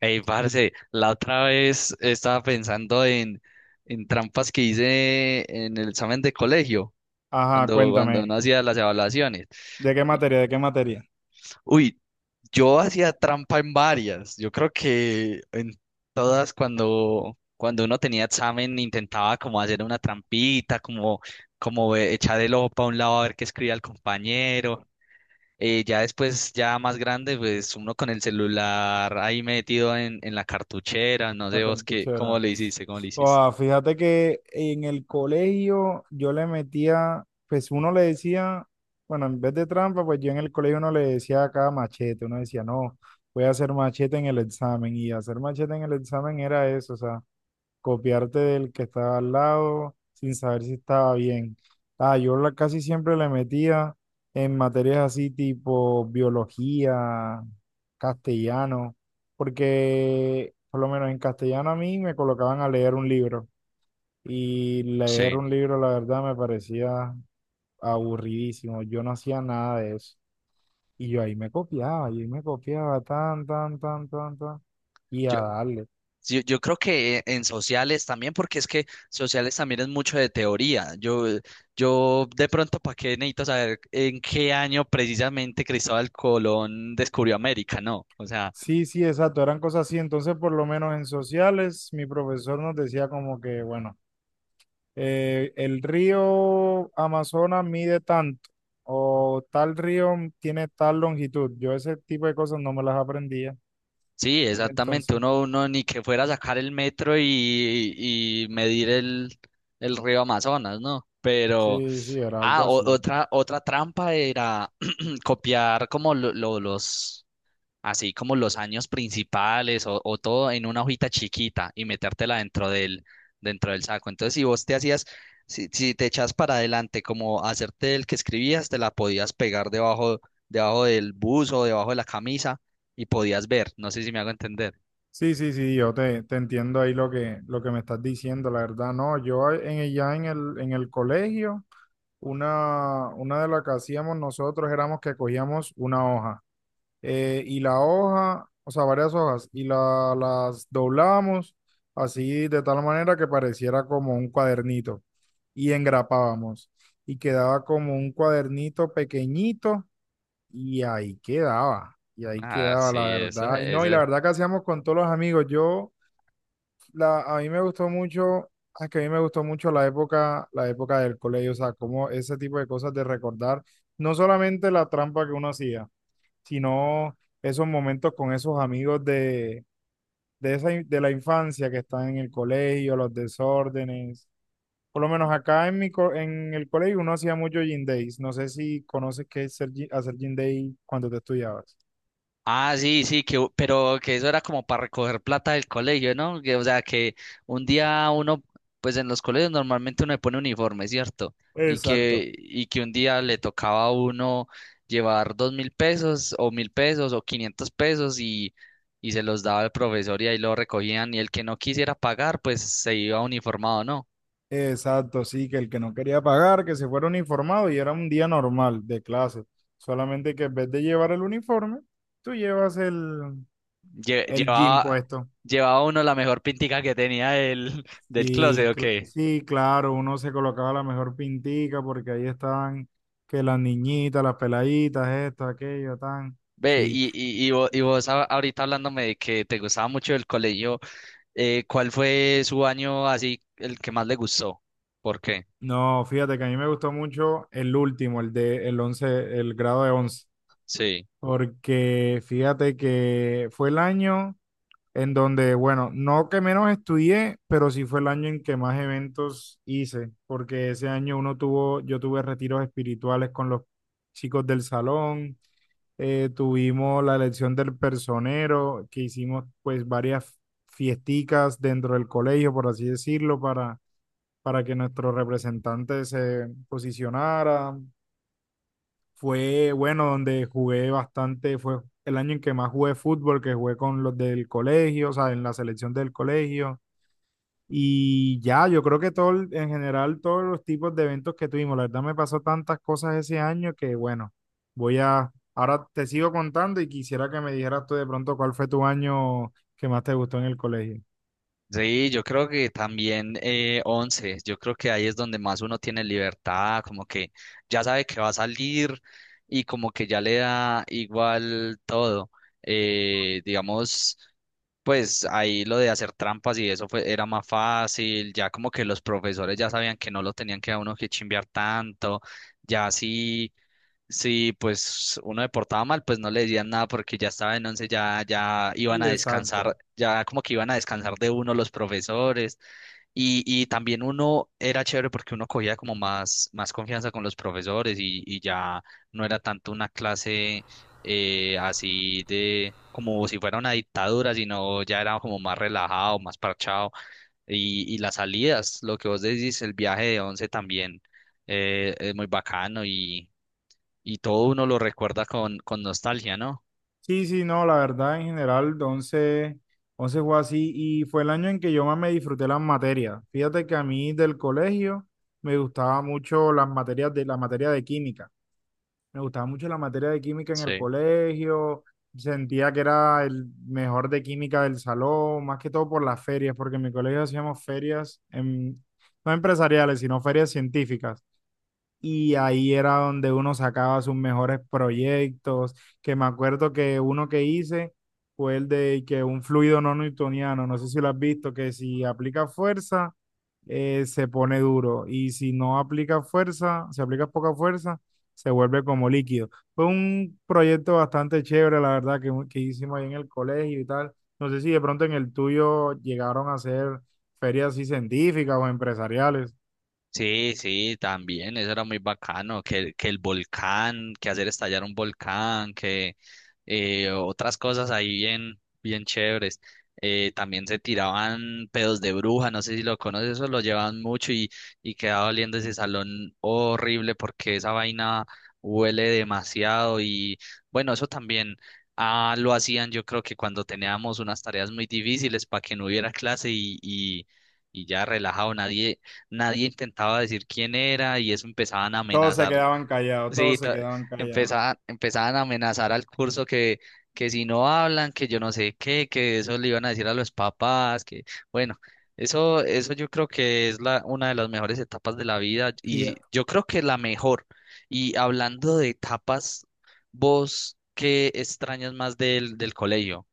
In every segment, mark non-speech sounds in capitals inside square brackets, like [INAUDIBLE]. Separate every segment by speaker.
Speaker 1: Ey, parce, la otra vez estaba pensando en trampas que hice en el examen de colegio,
Speaker 2: Ajá,
Speaker 1: cuando
Speaker 2: cuéntame.
Speaker 1: no hacía las evaluaciones.
Speaker 2: ¿De qué
Speaker 1: Y-
Speaker 2: materia? ¿De qué materia?
Speaker 1: Uy, yo hacía trampa en varias. Yo creo que en todas cuando uno tenía examen intentaba como hacer una trampita, como echar el ojo para un lado a ver qué escribía el compañero. Ya después, ya más grande, pues uno con el celular ahí metido en la cartuchera, no
Speaker 2: La
Speaker 1: sé vos qué, cómo
Speaker 2: cartuchera.
Speaker 1: le hiciste, cómo le hiciste.
Speaker 2: Ah, fíjate que en el colegio yo le metía, pues uno le decía, bueno, en vez de trampa, pues yo en el colegio uno le decía acá machete. Uno decía, no, voy a hacer machete en el examen. Y hacer machete en el examen era eso, o sea, copiarte del que estaba al lado sin saber si estaba bien. Ah, yo casi siempre le metía en materias así tipo biología, castellano, porque por lo menos en castellano a mí me colocaban a leer un libro y leer
Speaker 1: Sí,
Speaker 2: un libro la verdad me parecía aburridísimo, yo no hacía nada de eso. Y yo ahí me copiaba, y ahí me copiaba tan, tan, tan, tan, tan, y a
Speaker 1: yo,
Speaker 2: darle.
Speaker 1: yo creo que en sociales también, porque es que sociales también es mucho de teoría. Yo de pronto, ¿para qué necesito saber en qué año precisamente Cristóbal Colón descubrió América? No, o sea,
Speaker 2: Sí, sí, exacto, eran cosas así. Entonces, por lo menos en sociales, mi profesor nos decía como que, bueno, el río Amazonas mide tanto o tal río tiene tal longitud. Yo ese tipo de cosas no me las aprendía.
Speaker 1: sí, exactamente.
Speaker 2: Entonces,
Speaker 1: Uno ni que fuera a sacar el metro y medir el río Amazonas, ¿no? Pero...
Speaker 2: sí, sí, era algo
Speaker 1: Ah,
Speaker 2: así.
Speaker 1: otra trampa era [CLEARS THROAT] copiar como los, así como los años principales o todo en una hojita chiquita y metértela dentro dentro del saco. Entonces, si vos te hacías, si te echas para adelante, como hacerte el que escribías, te la podías pegar debajo, debajo del buzo, debajo de la camisa y podías ver. No sé si me hago entender.
Speaker 2: Sí, sí, sí, yo te entiendo ahí lo que me estás diciendo, la verdad, no, ya en el colegio, una de las que hacíamos nosotros éramos que cogíamos una hoja. Y la hoja, o sea, varias hojas, y las doblábamos así de tal manera que pareciera como un cuadernito y engrapábamos y quedaba como un cuadernito pequeñito y ahí
Speaker 1: Ah,
Speaker 2: quedaba
Speaker 1: sí,
Speaker 2: la
Speaker 1: eso,
Speaker 2: verdad. Y no, y
Speaker 1: eso.
Speaker 2: la verdad que hacíamos con todos los amigos, a mí me gustó mucho. Es que a mí me gustó mucho la época del colegio, o sea, como ese tipo de cosas de recordar, no solamente la trampa que uno hacía, sino esos momentos con esos amigos de la infancia que están en el colegio, los desórdenes. Por lo menos acá en el colegio uno hacía mucho gym days. No sé si conoces qué es hacer gym day cuando te estudiabas.
Speaker 1: Ah, sí, sí, que, pero que eso era como para recoger plata del colegio, ¿no? Que, o sea, que un día uno, pues en los colegios normalmente uno le pone uniforme, ¿cierto?
Speaker 2: Exacto,
Speaker 1: Y que un día le tocaba a uno llevar 2000 pesos o 1000 pesos o 500 pesos y se los daba el profesor y ahí lo recogían y el que no quisiera pagar, pues se iba uniformado, ¿no?
Speaker 2: exacto, sí, que el que no quería pagar, que se fuera uniformado y era un día normal de clase. Solamente que en vez de llevar el uniforme, tú llevas el,
Speaker 1: Lle-
Speaker 2: el jean
Speaker 1: llevaba,
Speaker 2: puesto.
Speaker 1: Llevaba uno la mejor pintica que tenía del closet,
Speaker 2: Sí,
Speaker 1: ¿o qué?
Speaker 2: claro, uno se colocaba la mejor pintica porque ahí estaban que las niñitas, las peladitas, esto, aquello, tan.
Speaker 1: Ve,
Speaker 2: Sí,
Speaker 1: Y vos, ahorita hablándome de que te gustaba mucho el colegio, ¿cuál fue su año así el que más le gustó? ¿Por qué?
Speaker 2: no, fíjate que a mí me gustó mucho el último, el de el 11, el grado de 11,
Speaker 1: Sí.
Speaker 2: porque fíjate que fue el año en donde, bueno, no que menos estudié, pero sí fue el año en que más eventos hice, porque ese año uno tuvo, yo tuve retiros espirituales con los chicos del salón. Tuvimos la elección del personero, que hicimos pues varias fiesticas dentro del colegio, por así decirlo, para que nuestro representante se posicionara. Fue bueno, donde jugué bastante, fue el año en que más jugué fútbol, que jugué con los del colegio, o sea, en la selección del colegio. Y ya, yo creo que todo, en general, todos los tipos de eventos que tuvimos, la verdad me pasó tantas cosas ese año que bueno, ahora te sigo contando y quisiera que me dijeras tú de pronto cuál fue tu año que más te gustó en el colegio.
Speaker 1: Sí, yo creo que también 11, yo creo que ahí es donde más uno tiene libertad, como que ya sabe que va a salir y como que ya le da igual todo. Eh, digamos, pues ahí lo de hacer trampas y eso era más fácil, ya como que los profesores ya sabían que no lo tenían que a uno que chimbear tanto, ya sí. Sí, pues uno deportaba mal, pues no le decían nada porque ya estaba en 11, ya iban
Speaker 2: Sí,
Speaker 1: a
Speaker 2: exacto.
Speaker 1: descansar, ya como que iban a descansar de uno los profesores y también uno era chévere porque uno cogía como más confianza con los profesores y ya no era tanto una clase así de como si fuera una dictadura, sino ya era como más relajado, más parchado y las salidas, lo que vos decís, el viaje de 11 también es muy bacano y todo uno lo recuerda con nostalgia, ¿no?
Speaker 2: Sí, sí, no, la verdad en general, once fue así y fue el año en que yo más me disfruté las materias. Fíjate que a mí del colegio me gustaba mucho las materias de la materia de química. Me gustaba mucho la materia de química en el
Speaker 1: Sí.
Speaker 2: colegio, sentía que era el mejor de química del salón, más que todo por las ferias, porque en mi colegio hacíamos ferias, no empresariales, sino ferias científicas, y ahí era donde uno sacaba sus mejores proyectos, que me acuerdo que uno que hice fue el de que un fluido no newtoniano, no sé si lo has visto, que si aplica fuerza, se pone duro, y si no aplica fuerza, si aplicas poca fuerza, se vuelve como líquido. Fue un proyecto bastante chévere, la verdad, que hicimos ahí en el colegio y tal. No sé si de pronto en el tuyo llegaron a hacer ferias así científicas o empresariales.
Speaker 1: Sí, sí, también, eso era muy bacano, que el volcán, que hacer estallar un volcán, que otras cosas ahí bien, bien chéveres. También se tiraban pedos de bruja, no sé si lo conoces, eso lo llevaban mucho y quedaba oliendo ese salón horrible porque esa vaina huele demasiado y bueno, eso también ah, lo hacían yo creo que cuando teníamos unas tareas muy difíciles para que no hubiera clase y ya relajado, nadie intentaba decir quién era y eso empezaban a
Speaker 2: Todos se
Speaker 1: amenazar.
Speaker 2: quedaban callados,
Speaker 1: Sí,
Speaker 2: todos se quedaban callados.
Speaker 1: empezaban, empezaban a amenazar al curso que si no hablan, que yo no sé qué, que eso le iban a decir a los papás, que bueno, eso yo creo que es la, una de las mejores etapas de la vida y
Speaker 2: Fíjate-
Speaker 1: yo creo que la mejor. Y hablando de etapas, ¿vos qué extrañas más del colegio?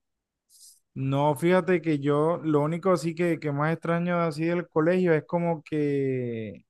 Speaker 2: No, fíjate que yo lo único así que más extraño así del colegio es como que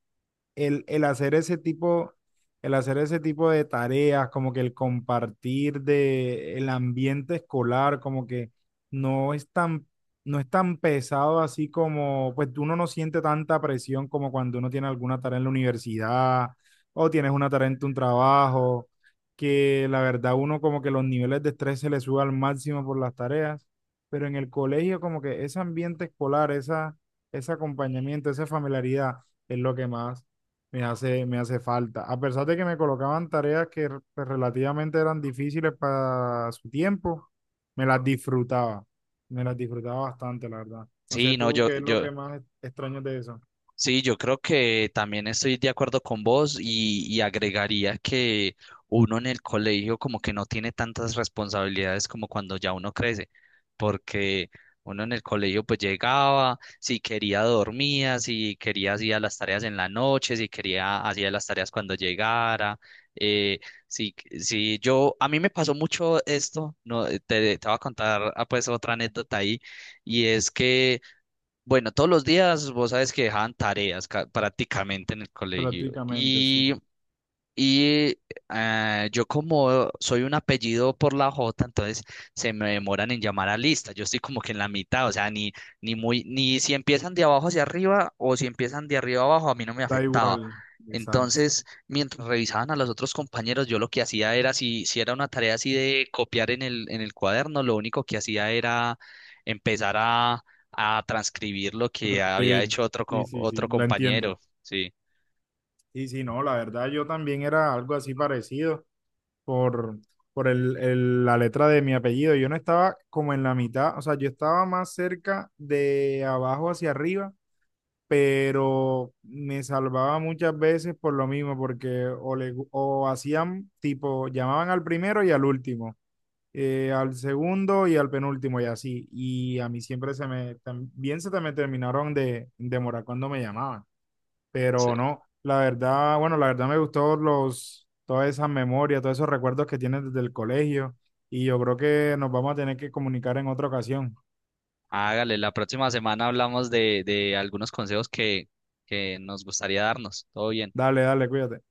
Speaker 2: el hacer ese tipo de tareas, como que el compartir de el ambiente escolar, como que no es tan, no es tan pesado así como, pues uno no siente tanta presión como cuando uno tiene alguna tarea en la universidad o tienes una tarea en tu trabajo, que la verdad uno como que los niveles de estrés se le sube al máximo por las tareas, pero en el colegio como que ese ambiente escolar, ese acompañamiento, esa familiaridad es lo que más me hace falta. A pesar de que me colocaban tareas que pues, relativamente eran difíciles para su tiempo, me las disfrutaba. Me las disfrutaba bastante, la verdad. No sé
Speaker 1: Sí, no,
Speaker 2: tú
Speaker 1: yo,
Speaker 2: qué es lo
Speaker 1: yo.
Speaker 2: que más extraño de eso.
Speaker 1: Sí, yo creo que también estoy de acuerdo con vos y agregaría que uno en el colegio como que no tiene tantas responsabilidades como cuando ya uno crece, porque uno en el colegio pues llegaba, si quería dormía, si quería hacía las tareas en la noche, si quería hacía las tareas cuando llegara, eh, si, si yo, a mí me pasó mucho esto, no, te voy a contar ah, pues otra anécdota ahí, y es que... Bueno, todos los días vos sabes que dejaban tareas prácticamente en el colegio.
Speaker 2: Prácticamente, sí.
Speaker 1: Y yo como soy un apellido por la J, entonces se me demoran en llamar a lista. Yo estoy como que en la mitad, o sea, ni muy, ni si empiezan de abajo hacia arriba o si empiezan de arriba abajo, a mí no me
Speaker 2: Da
Speaker 1: afectaba.
Speaker 2: igual. Exacto.
Speaker 1: Entonces, mientras revisaban a los otros compañeros, yo lo que hacía era, si era una tarea así de copiar en el cuaderno, lo único que hacía era empezar a transcribir lo que había
Speaker 2: Transcribir.
Speaker 1: hecho otro,
Speaker 2: Sí, sí, sí,
Speaker 1: otro
Speaker 2: la
Speaker 1: compañero.
Speaker 2: entiendo.
Speaker 1: Sí,
Speaker 2: Sí, sí, no, la verdad yo también era algo así parecido por, por la letra de mi apellido. Yo no estaba como en la mitad, o sea, yo estaba más cerca de abajo hacia arriba, pero me salvaba muchas veces por lo mismo, porque o hacían tipo, llamaban al primero y al último, al segundo y al penúltimo, y así, y a mí siempre también se te me terminaron de demorar cuando me llamaban,
Speaker 1: sí.
Speaker 2: pero no, la verdad, bueno, la verdad me gustó todas esas memorias, todos esos recuerdos que tienes desde el colegio, y yo creo que nos vamos a tener que comunicar en otra ocasión.
Speaker 1: Hágale, la próxima semana hablamos de algunos consejos que nos gustaría darnos. Todo bien.
Speaker 2: Dale, dale, cuídate.